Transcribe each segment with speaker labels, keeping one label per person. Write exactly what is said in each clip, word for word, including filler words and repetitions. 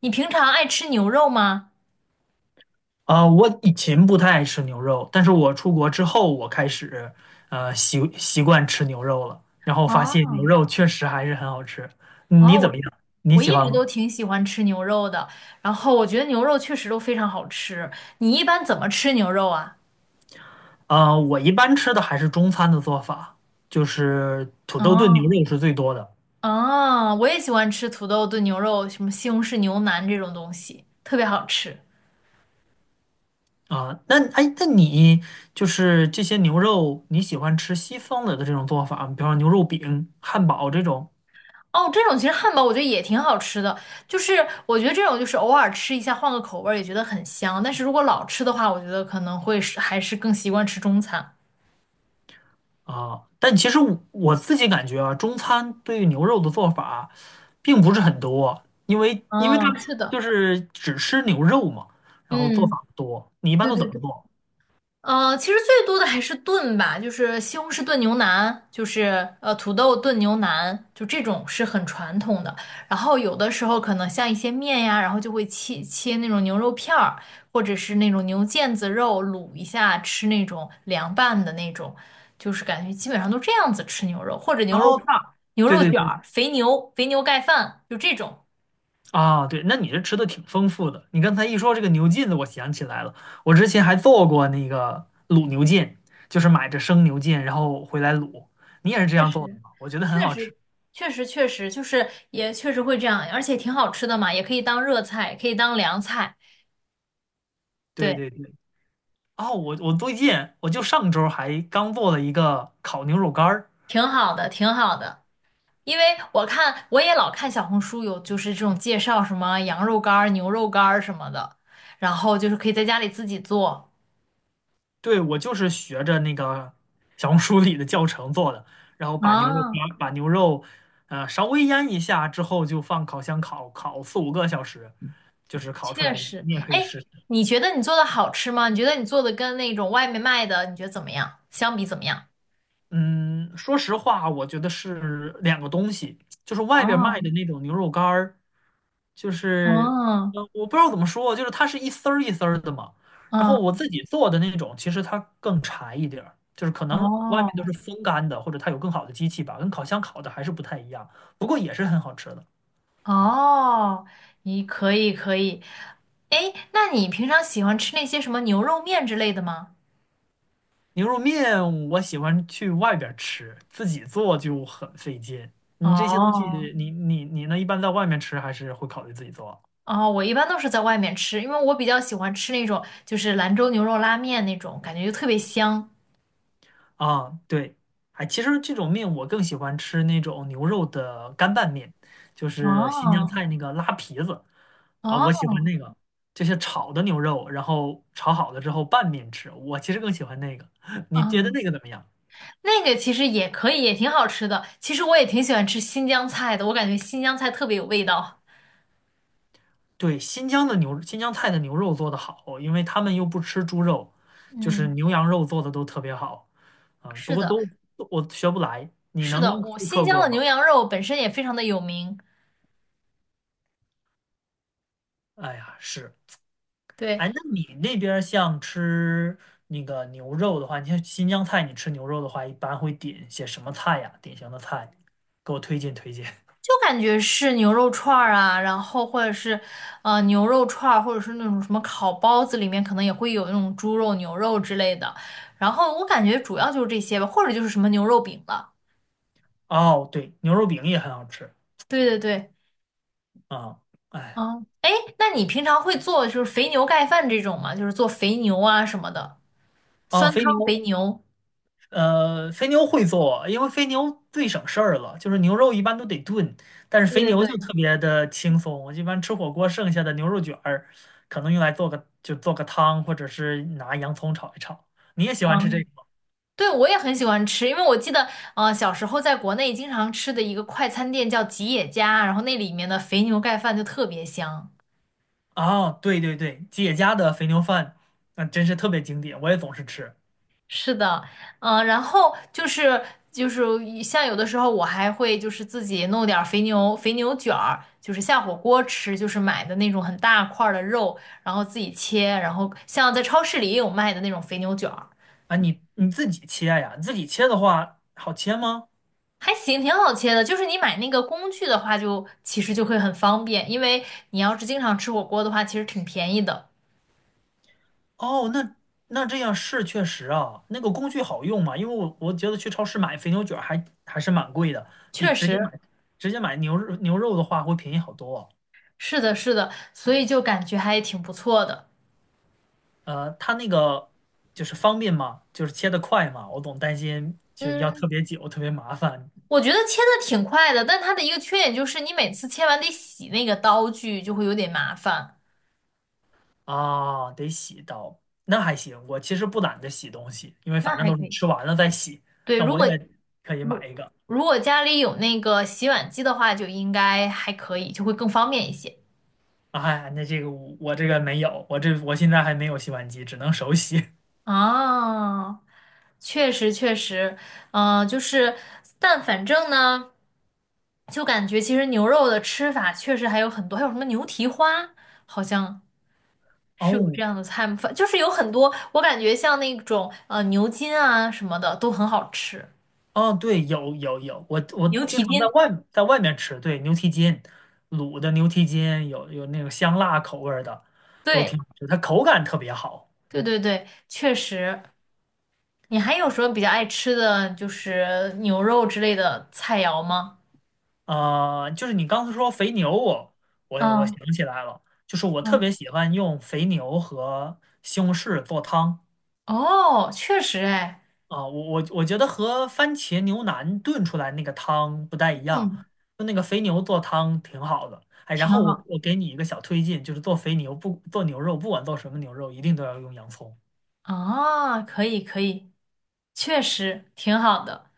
Speaker 1: 你平常爱吃牛肉吗？
Speaker 2: 啊，我以前不太爱吃牛肉，但是我出国之后，我开始呃习习惯吃牛肉了，然后发现牛
Speaker 1: 啊，
Speaker 2: 肉确实还是很好吃。嗯
Speaker 1: 啊，
Speaker 2: 你怎么
Speaker 1: 我
Speaker 2: 样？你
Speaker 1: 我
Speaker 2: 喜
Speaker 1: 一
Speaker 2: 欢
Speaker 1: 直
Speaker 2: 吗？
Speaker 1: 都挺喜欢吃牛肉的，然后我觉得牛肉确实都非常好吃。你一般怎么吃牛肉啊？
Speaker 2: 啊，我一般吃的还是中餐的做法，就是土豆炖牛
Speaker 1: 啊，
Speaker 2: 肉是最多的
Speaker 1: 啊，我也喜欢吃土豆炖牛肉，什么西红柿牛腩这种东西，特别好吃。
Speaker 2: 啊。那哎，那你就是这些牛肉，你喜欢吃西方的的这种做法吗，比方说牛肉饼、汉堡这种？
Speaker 1: 哦，这种其实汉堡我觉得也挺好吃的，就是我觉得这种就是偶尔吃一下，换个口味儿也觉得很香。但是如果老吃的话，我觉得可能会是还是更习惯吃中餐。
Speaker 2: 啊，但其实我我自己感觉啊，中餐对于牛肉的做法并不是很多啊，因为因为它
Speaker 1: 嗯，是的。
Speaker 2: 就是只吃牛肉嘛，然后做
Speaker 1: 嗯，
Speaker 2: 法不多。你一般
Speaker 1: 对
Speaker 2: 都怎
Speaker 1: 对
Speaker 2: 么
Speaker 1: 对。
Speaker 2: 做？
Speaker 1: 呃，其实最多的还是炖吧，就是西红柿炖牛腩，就是呃土豆炖牛腩，就这种是很传统的。然后有的时候可能像一些面呀，然后就会切切那种牛肉片儿，或者是那种牛腱子肉卤一下吃那种凉拌的那种，就是感觉基本上都这样子吃牛肉，或者牛
Speaker 2: 然
Speaker 1: 肉
Speaker 2: 后
Speaker 1: 串儿、牛
Speaker 2: 对
Speaker 1: 肉
Speaker 2: 对
Speaker 1: 卷
Speaker 2: 对
Speaker 1: 儿、肥牛、肥牛盖饭，就这种。
Speaker 2: 啊，对，那你这吃的挺丰富的。你刚才一说这个牛腱子，我想起来了，我之前还做过那个卤牛腱，就是买着生牛腱然后回来卤。你也是这
Speaker 1: 确
Speaker 2: 样做的
Speaker 1: 实，
Speaker 2: 吗？我觉得很
Speaker 1: 确
Speaker 2: 好吃。
Speaker 1: 实，确实，确实，就是也确实会这样，而且挺好吃的嘛，也可以当热菜，可以当凉菜。
Speaker 2: 对
Speaker 1: 对，
Speaker 2: 对对，哦，我我最近我就上周还刚做了一个烤牛肉干儿。
Speaker 1: 挺好的，挺好的。因为我看我也老看小红书有就是这种介绍什么羊肉干儿、牛肉干儿什么的，然后就是可以在家里自己做。
Speaker 2: 对，我就是学着那个小红书里的教程做的，然后把牛肉
Speaker 1: 啊，
Speaker 2: 把把牛肉，呃，稍微腌一下之后，就放烤箱烤烤四五个小时，就是烤出
Speaker 1: 确
Speaker 2: 来这种。
Speaker 1: 实。
Speaker 2: 你也可以
Speaker 1: 哎，
Speaker 2: 试
Speaker 1: 你觉得你做的好吃吗？你觉得你做的跟那种外面卖的，你觉得怎么样？相比怎么样？
Speaker 2: 嗯，说实话，我觉得是两个东西，就是外边卖
Speaker 1: 哦，
Speaker 2: 的那种牛肉干儿，就是，
Speaker 1: 哦，
Speaker 2: 呃，我不知道怎么说，就是它是一丝儿一丝儿的嘛。然后
Speaker 1: 嗯，
Speaker 2: 我自己做的那种，其实它更柴一点儿，就是可能外
Speaker 1: 哦。
Speaker 2: 面都是风干的，或者它有更好的机器吧，跟烤箱烤的还是不太一样，不过也是很好吃的。
Speaker 1: 哦，你可以可以。哎，那你平常喜欢吃那些什么牛肉面之类的吗？
Speaker 2: 牛肉面我喜欢去外边儿吃，自己做就很费劲。你这些东西，
Speaker 1: 哦
Speaker 2: 你你你呢？一般在外面吃还是会考虑自己做？
Speaker 1: 哦，我一般都是在外面吃，因为我比较喜欢吃那种就是兰州牛肉拉面那种，感觉就特别香。
Speaker 2: 啊，对，哎，其实这种面我更喜欢吃那种牛肉的干拌面，就是新疆
Speaker 1: 哦
Speaker 2: 菜那个拉皮子啊，我喜
Speaker 1: 哦
Speaker 2: 欢那个，就是炒的牛肉，然后炒好了之后拌面吃，我其实更喜欢那个。你觉得
Speaker 1: 哦，
Speaker 2: 那个怎么样？
Speaker 1: 那个其实也可以，也挺好吃的。其实我也挺喜欢吃新疆菜的，我感觉新疆菜特别有味道。
Speaker 2: 对，新疆的牛，新疆菜的牛肉做的好，因为他们又不吃猪肉，就是
Speaker 1: 嗯，
Speaker 2: 牛羊肉做的都特别好啊，不
Speaker 1: 是
Speaker 2: 过
Speaker 1: 的，
Speaker 2: 都都我学不来，你
Speaker 1: 是的，
Speaker 2: 能
Speaker 1: 我
Speaker 2: 复
Speaker 1: 新
Speaker 2: 刻
Speaker 1: 疆
Speaker 2: 过
Speaker 1: 的牛
Speaker 2: 吗？
Speaker 1: 羊肉本身也非常的有名。
Speaker 2: 哎呀，是。
Speaker 1: 对，
Speaker 2: 哎，那你那边儿像吃那个牛肉的话，你像新疆菜，你吃牛肉的话，一般会点些什么菜呀？典型的菜，给我推荐推荐。
Speaker 1: 就感觉是牛肉串儿啊，然后或者是呃牛肉串儿，或者是那种什么烤包子，里面可能也会有那种猪肉、牛肉之类的。然后我感觉主要就是这些吧，或者就是什么牛肉饼了。
Speaker 2: 哦，对，牛肉饼也很好吃
Speaker 1: 对对对，
Speaker 2: 啊。哎呀，
Speaker 1: 嗯，哎，那你平常会做就是肥牛盖饭这种吗？就是做肥牛啊什么的，
Speaker 2: 哦，
Speaker 1: 酸
Speaker 2: 肥
Speaker 1: 汤肥
Speaker 2: 牛，
Speaker 1: 牛。
Speaker 2: 呃，肥牛会做，因为肥牛最省事儿了，就是牛肉一般都得炖，但是肥
Speaker 1: 对
Speaker 2: 牛
Speaker 1: 对
Speaker 2: 就
Speaker 1: 对，
Speaker 2: 特别的轻松。我一般吃火锅剩下的牛肉卷儿，可能用来做个就做个汤，或者是拿洋葱炒一炒。你也喜欢吃这
Speaker 1: 嗯，
Speaker 2: 个？
Speaker 1: 对，我也很喜欢吃，因为我记得，呃，小时候在国内经常吃的一个快餐店叫吉野家，然后那里面的肥牛盖饭就特别香。
Speaker 2: 啊，对对对，姐家的肥牛饭，那真是特别经典，我也总是吃。
Speaker 1: 是的，嗯、然后就是就是一像有的时候我还会就是自己弄点儿肥牛肥牛卷儿，就是下火锅吃，就是买的那种很大块儿的肉，然后自己切，然后像在超市里也有卖的那种肥牛卷儿，
Speaker 2: 啊，你你自己切呀？自己切的话，好切吗？
Speaker 1: 还行，挺好切的。就是你买那个工具的话就，其实就会很方便，因为你要是经常吃火锅的话，其实挺便宜的。
Speaker 2: 哦，那那这样是确实啊，那个工具好用嘛？因为我我觉得去超市买肥牛卷儿还还是蛮贵的，比
Speaker 1: 确
Speaker 2: 直接买
Speaker 1: 实，
Speaker 2: 直接买牛肉牛肉的话会便宜好多啊。
Speaker 1: 是的，是的，所以就感觉还挺不错的。
Speaker 2: 呃，它那个就是方便嘛，就是切得快嘛，我总担心就要
Speaker 1: 嗯。
Speaker 2: 特别久，特别麻烦。
Speaker 1: 我觉得切的挺快的，但它的一个缺点就是你每次切完得洗那个刀具，就会有点麻烦。
Speaker 2: 啊，得洗到，那还行。我其实不懒得洗东西，因为
Speaker 1: 那
Speaker 2: 反正
Speaker 1: 还
Speaker 2: 都
Speaker 1: 可
Speaker 2: 是
Speaker 1: 以。
Speaker 2: 吃完了再洗。
Speaker 1: 对，
Speaker 2: 那
Speaker 1: 如
Speaker 2: 我
Speaker 1: 果
Speaker 2: 也可以买
Speaker 1: 如
Speaker 2: 一个。
Speaker 1: 如果家里有那个洗碗机的话，就应该还可以，就会更方便一些。
Speaker 2: 哎，那这个我我这个没有，我这我现在还没有洗碗机，只能手洗。
Speaker 1: 啊，确实确实，嗯、就是，但反正呢，就感觉其实牛肉的吃法确实还有很多，还有什么牛蹄花，好像。是有
Speaker 2: 哦
Speaker 1: 这样的菜吗？反就是有很多，我感觉像那种呃牛筋啊什么的都很好吃，
Speaker 2: 哦，对，有有有，我我
Speaker 1: 牛
Speaker 2: 经
Speaker 1: 蹄
Speaker 2: 常在
Speaker 1: 筋，
Speaker 2: 外在外面吃，对，牛蹄筋，卤的牛蹄筋有有那种香辣口味儿的，都
Speaker 1: 对
Speaker 2: 挺好吃，它口感特别好。
Speaker 1: 对对对，确实。你还有什么比较爱吃的，就是牛肉之类的菜肴吗？
Speaker 2: 啊、呃就是你刚才说肥牛我，我我
Speaker 1: 嗯
Speaker 2: 想起来了，就是我特
Speaker 1: 嗯，
Speaker 2: 别喜欢用肥牛和西红柿做汤
Speaker 1: 哦，确实哎，
Speaker 2: 啊、我我我觉得和番茄牛腩炖出来那个汤不太一样，
Speaker 1: 嗯，
Speaker 2: 就那个肥牛做汤挺好的。哎，然
Speaker 1: 挺
Speaker 2: 后我
Speaker 1: 好。
Speaker 2: 我给你一个小推荐，就是做肥牛不做牛肉，不管做什么牛肉，一定都要用洋葱，
Speaker 1: 啊，可以可以，确实挺好的。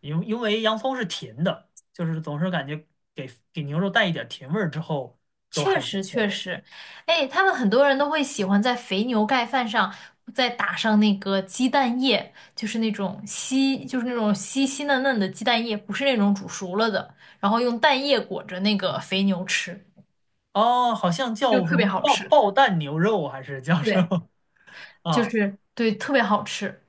Speaker 2: 因为因为洋葱是甜的，就是总是感觉给给牛肉带一点甜味儿之后都
Speaker 1: 确
Speaker 2: 还不
Speaker 1: 实确
Speaker 2: 错。
Speaker 1: 实，哎，他们很多人都会喜欢在肥牛盖饭上再打上那个鸡蛋液，就是那种稀，就是那种稀稀嫩嫩的鸡蛋液，不是那种煮熟了的，然后用蛋液裹着那个肥牛吃，
Speaker 2: 哦，好像
Speaker 1: 就
Speaker 2: 叫什
Speaker 1: 特别
Speaker 2: 么
Speaker 1: 好
Speaker 2: 爆
Speaker 1: 吃。
Speaker 2: 爆蛋牛肉还是叫什
Speaker 1: 对，
Speaker 2: 么
Speaker 1: 就
Speaker 2: 啊？
Speaker 1: 是对，特别好吃。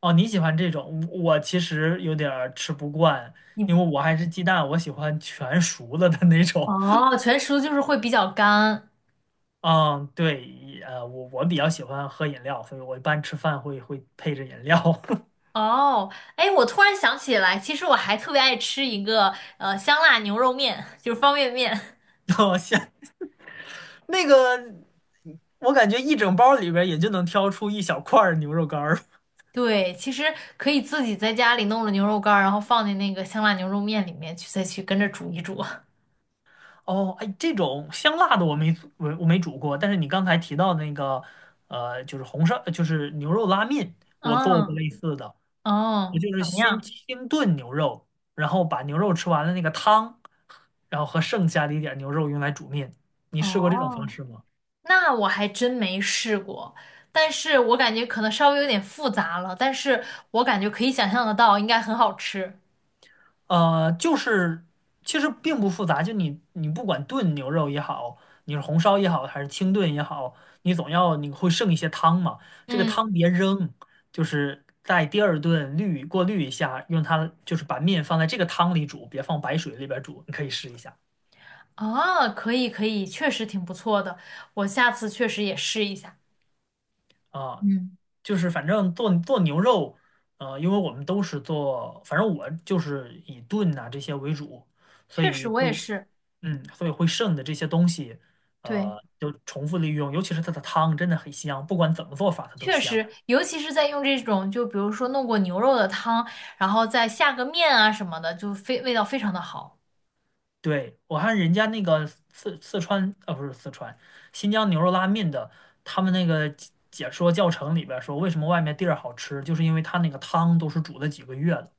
Speaker 2: 哦，你喜欢这种，我我其实有点儿吃不惯，
Speaker 1: 你
Speaker 2: 因为我还是鸡蛋，我喜欢全熟了的那种。
Speaker 1: 哦，全熟就是会比较干。
Speaker 2: 嗯，对，呃，我我比较喜欢喝饮料，所以我一般吃饭会会配着饮料。
Speaker 1: 哦，哎，我突然想起来，其实我还特别爱吃一个呃香辣牛肉面，就是方便面。
Speaker 2: 我想那个，我感觉一整包里边儿也就能挑出一小块儿牛肉干儿。
Speaker 1: 对，其实可以自己在家里弄了牛肉干儿，然后放进那个香辣牛肉面里面去，再去跟着煮一煮。
Speaker 2: 哦，哎，这种香辣的我没做我我没煮过，但是你刚才提到的那个，呃，就是红烧，就是牛肉拉面，我做过
Speaker 1: 嗯，
Speaker 2: 类似的，我
Speaker 1: 哦，
Speaker 2: 就是
Speaker 1: 怎么
Speaker 2: 先
Speaker 1: 样？
Speaker 2: 清炖牛肉，然后把牛肉吃完了那个汤，然后和剩下的一点儿牛肉用来煮面。你试过这种方
Speaker 1: 哦，
Speaker 2: 式吗？
Speaker 1: 那我还真没试过，但是我感觉可能稍微有点复杂了，但是我感觉可以想象得到，应该很好吃。
Speaker 2: 呃，就是其实并不复杂，就你你不管炖牛肉也好，你是红烧也好，还是清炖也好，你总要你会剩一些汤嘛，这个汤
Speaker 1: 嗯，
Speaker 2: 别扔，就是在第二顿滤过滤一下，用它就是把面放在这个汤里煮，别放白水里边煮，你可以试一下。
Speaker 1: 啊，可以可以，确实挺不错的，我下次确实也试一下。
Speaker 2: 啊，
Speaker 1: 嗯，
Speaker 2: 就是反正做做牛肉，呃，因为我们都是做，反正我就是以炖呐、这些为主，所
Speaker 1: 确实
Speaker 2: 以
Speaker 1: 我也
Speaker 2: 会，
Speaker 1: 是，
Speaker 2: 嗯，所以会剩的这些东西，
Speaker 1: 对。
Speaker 2: 呃，就重复利用，尤其是它的汤真的很香，不管怎么做法它都
Speaker 1: 确
Speaker 2: 香。
Speaker 1: 实，尤其是在用这种，就比如说弄过牛肉的汤，然后再下个面啊什么的，就非味道非常的好。
Speaker 2: 对，我看人家那个四四川，啊不是四川，新疆牛肉拉面的，他们那个解解说教程里边儿说，为什么外面地儿好吃，就是因为它那个汤都是煮了几个月的。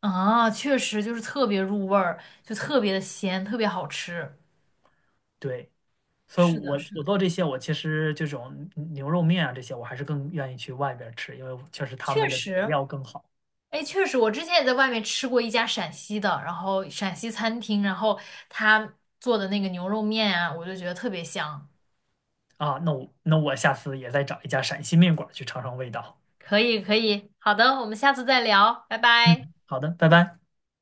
Speaker 1: 啊，确实就是特别入味儿，就特别的鲜，特别好吃。
Speaker 2: 对。所以
Speaker 1: 是的，
Speaker 2: 我
Speaker 1: 是
Speaker 2: 我
Speaker 1: 的，
Speaker 2: 做这些，我其实这种牛肉面啊这些，我还是更愿意去外边儿吃，因为确实他
Speaker 1: 确
Speaker 2: 们的这个
Speaker 1: 实，
Speaker 2: 料更好
Speaker 1: 哎，确实，我之前也在外面吃过一家陕西的，然后陕西餐厅，然后他做的那个牛肉面啊，我就觉得特别香。
Speaker 2: 啊。那我那我下次也再找一家陕西面馆儿去尝尝味道。
Speaker 1: 可以，可以，好的，我们下次再聊，拜拜。
Speaker 2: 嗯，好的，拜拜。